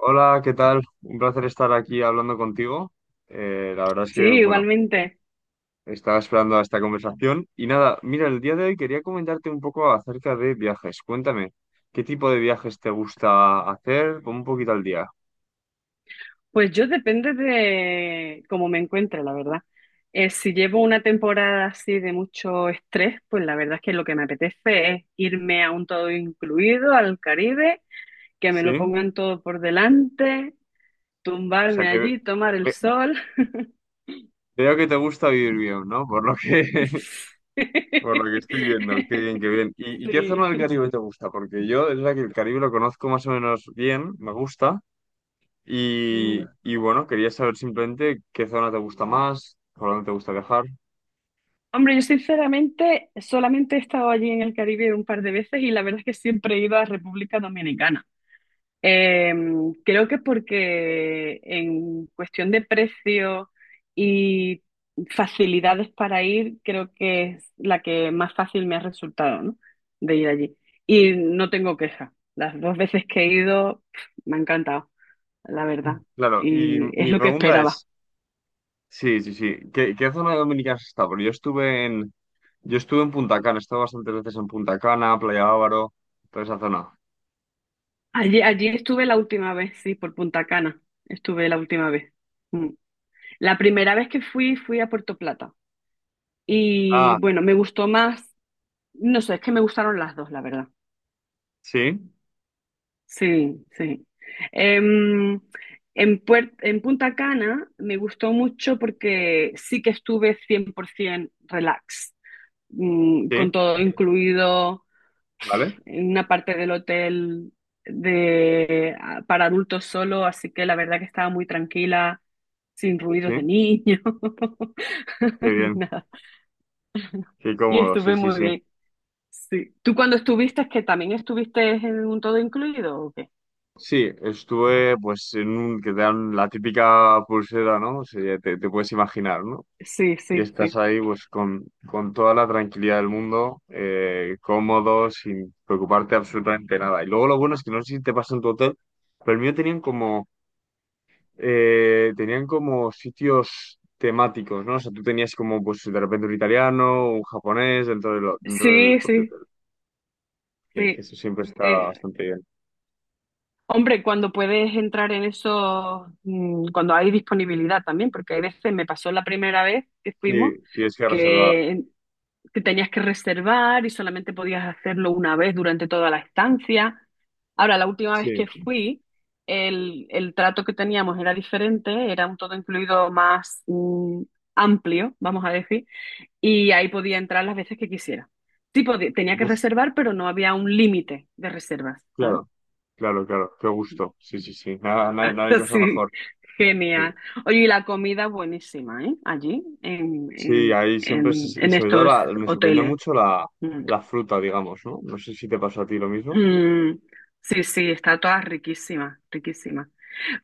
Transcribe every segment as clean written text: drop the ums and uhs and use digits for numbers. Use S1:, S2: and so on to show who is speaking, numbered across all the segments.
S1: Hola, ¿qué tal? Un placer estar aquí hablando contigo. La verdad es
S2: Sí,
S1: que, bueno,
S2: igualmente.
S1: estaba esperando a esta conversación. Y nada, mira, el día de hoy quería comentarte un poco acerca de viajes. Cuéntame, ¿qué tipo de viajes te gusta hacer? Pon un poquito al día.
S2: Pues yo depende de cómo me encuentre, la verdad. Si llevo una temporada así de mucho estrés, pues la verdad es que lo que me apetece es irme a un todo incluido, al Caribe, que me
S1: ¿Sí?
S2: lo
S1: O
S2: pongan todo por delante,
S1: sea
S2: tumbarme
S1: que
S2: allí, tomar el
S1: ve-
S2: sol.
S1: veo que te gusta vivir bien, ¿no? Por lo que, por lo que estoy viendo. Qué bien, qué bien. ¿Y qué zona del
S2: Sí.
S1: Caribe te gusta? Porque yo es la que el Caribe lo conozco más o menos bien, me gusta. Y,
S2: Mm.
S1: y bueno, quería saber simplemente qué zona te gusta más, por dónde te gusta viajar.
S2: Hombre, yo sinceramente solamente he estado allí en el Caribe un par de veces y la verdad es que siempre he ido a República Dominicana. Eh, Creo que porque en cuestión de precio y facilidades para ir, creo que es la que más fácil me ha resultado, ¿no? De ir allí. Y no tengo queja. Las dos veces que he ido, pf, me ha encantado, la verdad.
S1: Claro, y
S2: Y es
S1: mi
S2: lo que
S1: pregunta
S2: esperaba.
S1: es, sí, sí, sí, ¿qué zona de Dominicana has estado? Porque yo estuve en Punta Cana, he estado bastantes veces en Punta Cana, Playa Bávaro, toda esa zona.
S2: Allí estuve la última vez, sí, por Punta Cana. Estuve la última vez. Mm. La primera vez que fui, fui a Puerto Plata. Y
S1: Ah,
S2: bueno, me gustó más. No sé, es que me gustaron las dos, la verdad.
S1: sí,
S2: Sí, sí. Em, en Punta Cana me gustó mucho porque sí que estuve 100% relax,
S1: sí,
S2: con todo incluido
S1: vale,
S2: en una parte del hotel de, para adultos solo, así que la verdad que estaba muy tranquila, sin ruidos de
S1: sí,
S2: niños,
S1: qué
S2: ni
S1: bien,
S2: nada.
S1: qué
S2: Y
S1: cómodo, sí,
S2: estuve
S1: sí,
S2: muy
S1: sí.
S2: bien. Sí. ¿Tú cuando estuviste, es que también estuviste en un todo incluido o qué?
S1: Sí, estuve pues en un, que te dan la típica pulsera, ¿no? O sea, ya te puedes imaginar, ¿no?
S2: Sí,
S1: Y
S2: sí,
S1: estás
S2: sí.
S1: ahí pues con toda la tranquilidad del mundo, cómodo, sin preocuparte absolutamente nada. Y luego lo bueno es que no sé si te pasa en tu hotel, pero el mío tenían como sitios temáticos, ¿no? O sea, tú tenías como pues de repente un italiano, un japonés dentro del
S2: Sí,
S1: propio
S2: sí,
S1: hotel. Sí, que
S2: sí.
S1: eso siempre está
S2: Eh,
S1: bastante bien.
S2: Hombre, cuando puedes entrar en eso, cuando hay disponibilidad también, porque hay veces, me pasó la primera vez que fuimos,
S1: Sí, tienes que reservar.
S2: que que tenías que reservar y solamente podías hacerlo una vez durante toda la estancia. Ahora, la última vez que
S1: Sí,
S2: fui, el trato que teníamos era diferente, era un todo incluido más amplio, vamos a decir, y ahí podía entrar las veces que quisiera. Sí, tenía que
S1: uf,
S2: reservar, pero no había un límite de reservas. ¿Sabes?
S1: claro, claro, claro, qué gusto. Sí, sí, sí, nada, no hay cosa
S2: Sí,
S1: mejor. Sí.
S2: genial. Oye, y la comida buenísima, ¿eh? Allí, en,
S1: Sí,
S2: en,
S1: ahí siempre
S2: en,
S1: se. Y
S2: en
S1: sobre todo
S2: estos
S1: me sorprendió
S2: hoteles.
S1: mucho la,
S2: Mm.
S1: la fruta, digamos, ¿no? No sé si te pasó a ti lo mismo.
S2: Mm, sí, sí, está toda riquísima, riquísima.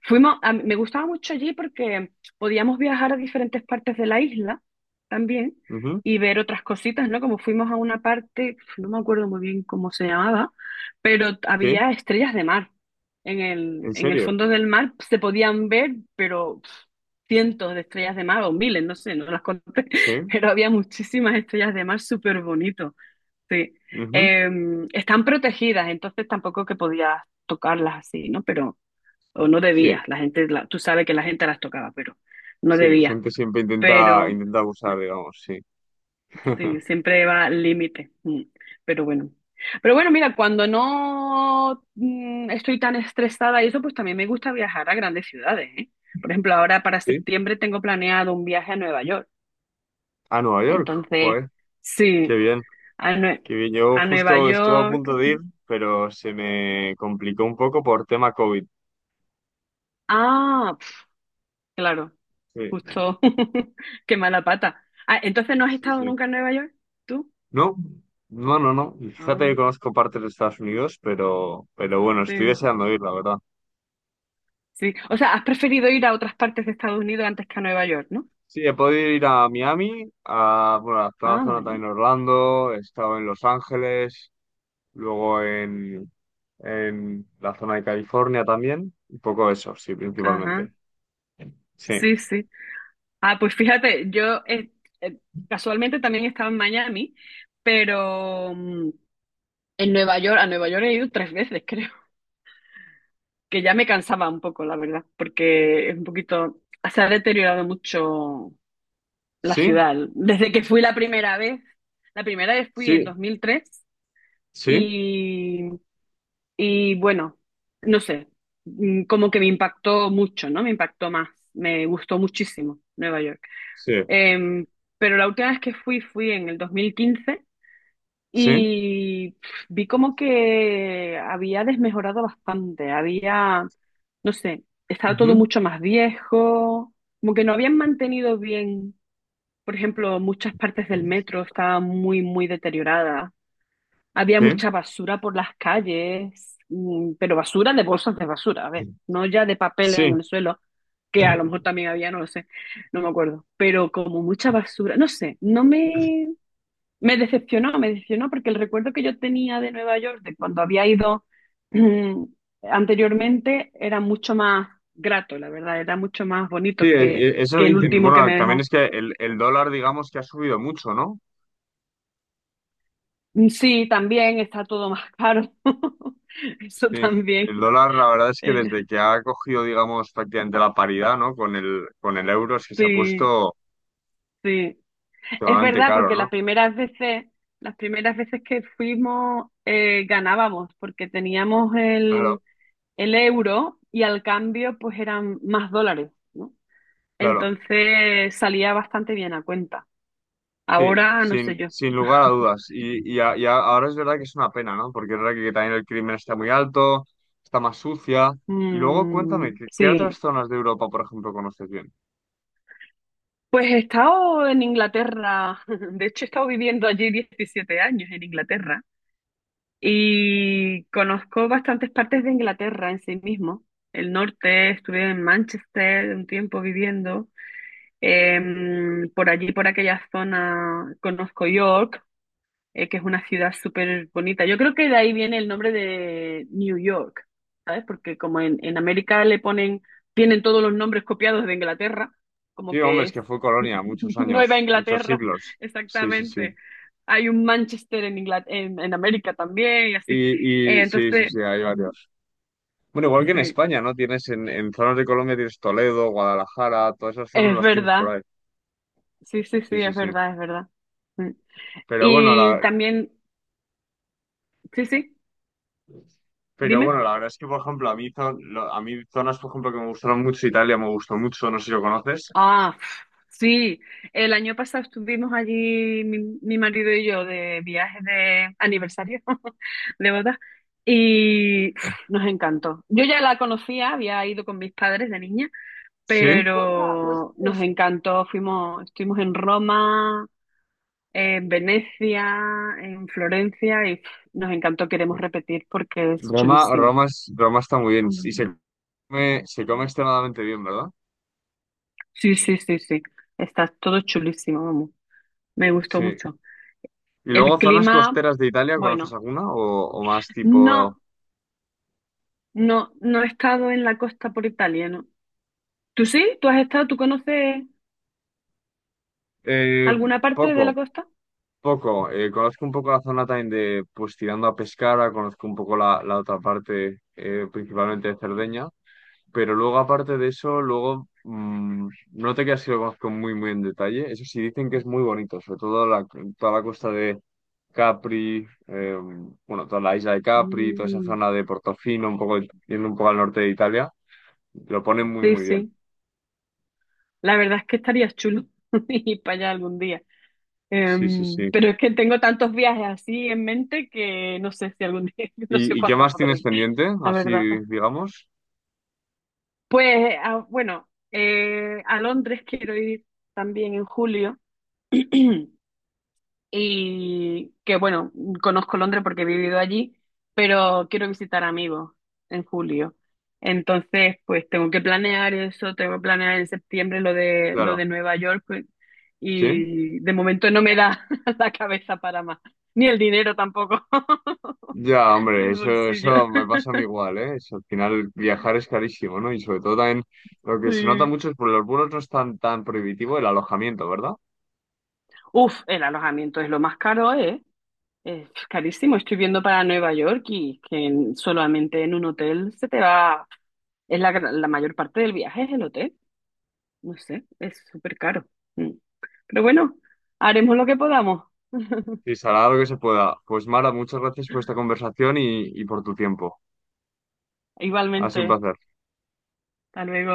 S2: Me gustaba mucho allí porque podíamos viajar a diferentes partes de la isla también
S1: Ujú,
S2: y ver otras cositas, ¿no? Como fuimos a una parte, no me acuerdo muy bien cómo se llamaba, pero
S1: sí,
S2: había estrellas de mar. En el,
S1: en
S2: en el
S1: serio.
S2: fondo del mar se podían ver, pero pf, cientos de estrellas de mar o miles, no sé, no las conté,
S1: Sí,
S2: pero había muchísimas estrellas de mar súper bonitos. Sí.
S1: ujú,
S2: Están protegidas, entonces tampoco que podías tocarlas así, ¿no? Pero, o no
S1: sí,
S2: debías, la gente, tú sabes que la gente las tocaba, pero no
S1: sí, la
S2: debías,
S1: gente siempre intenta,
S2: pero
S1: intenta abusar, digamos, sí.
S2: sí, siempre va al límite. Pero bueno. Pero bueno, mira, cuando no estoy tan estresada y eso, pues también me gusta viajar a grandes ciudades, ¿eh? Por ejemplo, ahora para
S1: ¿Sí?
S2: septiembre tengo planeado un viaje a Nueva York,
S1: A Nueva York,
S2: entonces,
S1: joder, qué
S2: sí,
S1: bien,
S2: a, Nue-
S1: qué bien. Yo
S2: a Nueva
S1: justo estuve a
S2: York.
S1: punto de ir, pero se me complicó un poco por tema COVID.
S2: Ah, pf, claro.
S1: Sí,
S2: Justo, qué mala pata. Ah, entonces no has
S1: sí,
S2: estado
S1: sí.
S2: nunca en Nueva York, ¿tú?
S1: No, no, no, no. Fíjate
S2: Ah,
S1: que conozco partes de Estados Unidos, pero bueno, estoy
S2: sí,
S1: deseando ir, la verdad.
S2: sí. O sea, has preferido ir a otras partes de Estados Unidos antes que a Nueva York, ¿no?
S1: Sí, he podido ir a Miami, bueno, he estado
S2: Ah,
S1: zona también
S2: vale.
S1: en Orlando, he estado en Los Ángeles, luego en la zona de California también, un poco eso, sí,
S2: Ajá,
S1: principalmente. Sí,
S2: sí, sí. Ah, pues fíjate, yo eh, casualmente también he estado en Miami, pero en Nueva York, a Nueva York he ido tres veces, creo, que ya me cansaba un poco, la verdad, porque es un poquito, se ha deteriorado mucho la
S1: sí,
S2: ciudad. Desde que fui la primera vez fui en
S1: sí,
S2: 2003
S1: sí,
S2: y, y bueno, no sé, como que me impactó mucho, ¿no? Me impactó más, me gustó muchísimo Nueva York.
S1: sí,
S2: Em, pero la última vez que fui fui en el 2015
S1: sí,
S2: y pf, vi como que había desmejorado bastante, había, no sé, estaba todo
S1: ujú,
S2: mucho más viejo, como que no habían mantenido bien. Por ejemplo, muchas partes del metro estaban muy, muy deterioradas. Había
S1: sí.
S2: mucha basura por las calles, pero basura de bolsas de basura, a ver, no ya de papel en
S1: Sí,
S2: el suelo, que a lo mejor también había, no lo sé, no me acuerdo, pero como mucha basura, no sé, no me, me decepcionó porque el recuerdo que yo tenía de Nueva York, de cuando había ido mm, anteriormente, era mucho más grato, la verdad, era mucho más
S1: sí,
S2: bonito que,
S1: eso
S2: que el
S1: dicen.
S2: último que
S1: Bueno,
S2: me
S1: también
S2: dejó.
S1: es que el dólar, digamos que ha subido mucho, ¿no?
S2: Mm, sí, también está todo más caro. Eso
S1: Sí,
S2: también.
S1: el dólar, la verdad es que
S2: Eh,
S1: desde que ha cogido, digamos, prácticamente la paridad, ¿no? Con el euro, es que se ha
S2: sí,
S1: puesto
S2: sí. Es
S1: totalmente
S2: verdad,
S1: caro,
S2: porque
S1: ¿no?
S2: las primeras veces que fuimos ganábamos, porque teníamos
S1: Claro,
S2: el euro y al cambio pues eran más dólares, ¿no?
S1: claro.
S2: Entonces salía bastante bien a cuenta.
S1: Sí,
S2: Ahora no
S1: sin,
S2: sé yo.
S1: sin lugar a dudas. Y ahora es verdad que es una pena, ¿no? Porque es verdad que, también el crimen está muy alto, está más sucia. Y luego cuéntame,
S2: Mm,
S1: ¿qué
S2: sí.
S1: otras zonas de Europa, por ejemplo, conoces bien?
S2: Pues he estado en Inglaterra, de hecho he estado viviendo allí 17 años en Inglaterra y conozco bastantes partes de Inglaterra en sí mismo. El norte, estuve en Manchester un tiempo viviendo, por allí, por aquella zona, conozco York, que es una ciudad súper bonita. Yo creo que de ahí viene el nombre de New York, ¿sabes? Porque como en América le ponen, tienen todos los nombres copiados de Inglaterra, como
S1: Sí, hombre,
S2: que
S1: es que
S2: es...
S1: fue colonia muchos
S2: Nueva
S1: años, muchos
S2: Inglaterra,
S1: siglos. Sí, sí, sí.
S2: exactamente. Hay un Manchester en América también, y así.
S1: Y, y
S2: Entonces,
S1: sí, sí, sí, hay
S2: mm,
S1: varios. Bueno, igual que en
S2: sí,
S1: España, ¿no? Tienes en zonas de Colombia tienes Toledo, Guadalajara, todas esas zonas
S2: es
S1: las tienes por
S2: verdad.
S1: ahí.
S2: Sí, sí,
S1: Sí,
S2: sí,
S1: sí,
S2: es
S1: sí.
S2: verdad, es verdad. Mm.
S1: Pero bueno,
S2: Y
S1: la,
S2: también, sí, sí,
S1: pero
S2: dime.
S1: bueno, la verdad es que, por ejemplo, a mí, zonas, por ejemplo, que me gustaron mucho, Italia me gustó mucho, no sé si lo conoces.
S2: Ah, sí, el año pasado estuvimos allí, mi marido y yo, de viaje de aniversario de boda, y pf, nos encantó. Yo ya la conocía, había ido con mis padres de niña,
S1: Sí.
S2: pero nos encantó. Fuimos, estuvimos en Roma, en Venecia, en Florencia y pf, nos encantó. Queremos repetir porque es
S1: Roma,
S2: chulísimo.
S1: Roma, es- Roma está muy bien y se come extremadamente bien, ¿verdad?
S2: Sí, sí, sí, sí. Está todo chulísimo, vamos. Me gustó
S1: Sí.
S2: mucho.
S1: ¿Y
S2: El
S1: luego zonas
S2: clima,
S1: costeras de Italia, conoces
S2: bueno,
S1: alguna o más
S2: no,
S1: tipo?
S2: no, no he estado en la costa por Italia, ¿no? ¿Tú sí? ¿Tú has estado? ¿Tú conoces
S1: Eh,
S2: alguna parte de
S1: poco.
S2: la costa?
S1: Poco, conozco un poco la zona también de, pues tirando a Pescara, conozco un poco la otra parte, principalmente de Cerdeña, pero luego aparte de eso, luego no te creas que lo conozco muy, muy en detalle, eso sí dicen que es muy bonito, sobre todo toda la costa de Capri, bueno, toda la isla de Capri, toda esa
S2: Mm,
S1: zona de Portofino, un poco, yendo un poco al norte de Italia, lo ponen muy,
S2: sí,
S1: muy bien.
S2: sí. La verdad es que estaría chulo ir para allá algún día.
S1: Sí, sí, sí.
S2: Pero es que tengo tantos viajes así en mente que no sé si algún día, no sé
S1: ¿Y qué
S2: cuándo
S1: más
S2: podré
S1: tienes
S2: ir,
S1: pendiente?
S2: la
S1: Así,
S2: verdad.
S1: digamos,
S2: Pues, bueno, a Londres quiero ir también en julio. Y que bueno, conozco Londres porque he vivido allí, pero quiero visitar amigos en julio. Entonces, pues tengo que planear eso, tengo que planear en septiembre lo de lo
S1: claro,
S2: de Nueva York pues,
S1: ¿sí?
S2: y de momento no me da la cabeza para más, ni el dinero tampoco,
S1: Ya,
S2: ni
S1: hombre,
S2: el
S1: eso,
S2: bolsillo.
S1: eso me pasa a mí igual, ¿eh? Al final viajar es carísimo, ¿no? Y sobre todo también lo que se nota
S2: Sí.
S1: mucho es por los vuelos no es tan, tan prohibitivo el alojamiento, ¿verdad?
S2: Uf, el alojamiento es lo más caro, ¿eh? Es carísimo. Estoy viendo para Nueva York y que solamente en un hotel se te va, es la mayor parte del viaje es el hotel. No sé, es súper caro. Mm. Pero bueno, haremos lo que podamos.
S1: Sí, será lo que se pueda. Pues Mara, muchas gracias por esta conversación y por tu tiempo. Ha sido un
S2: Igualmente,
S1: placer.
S2: hasta luego.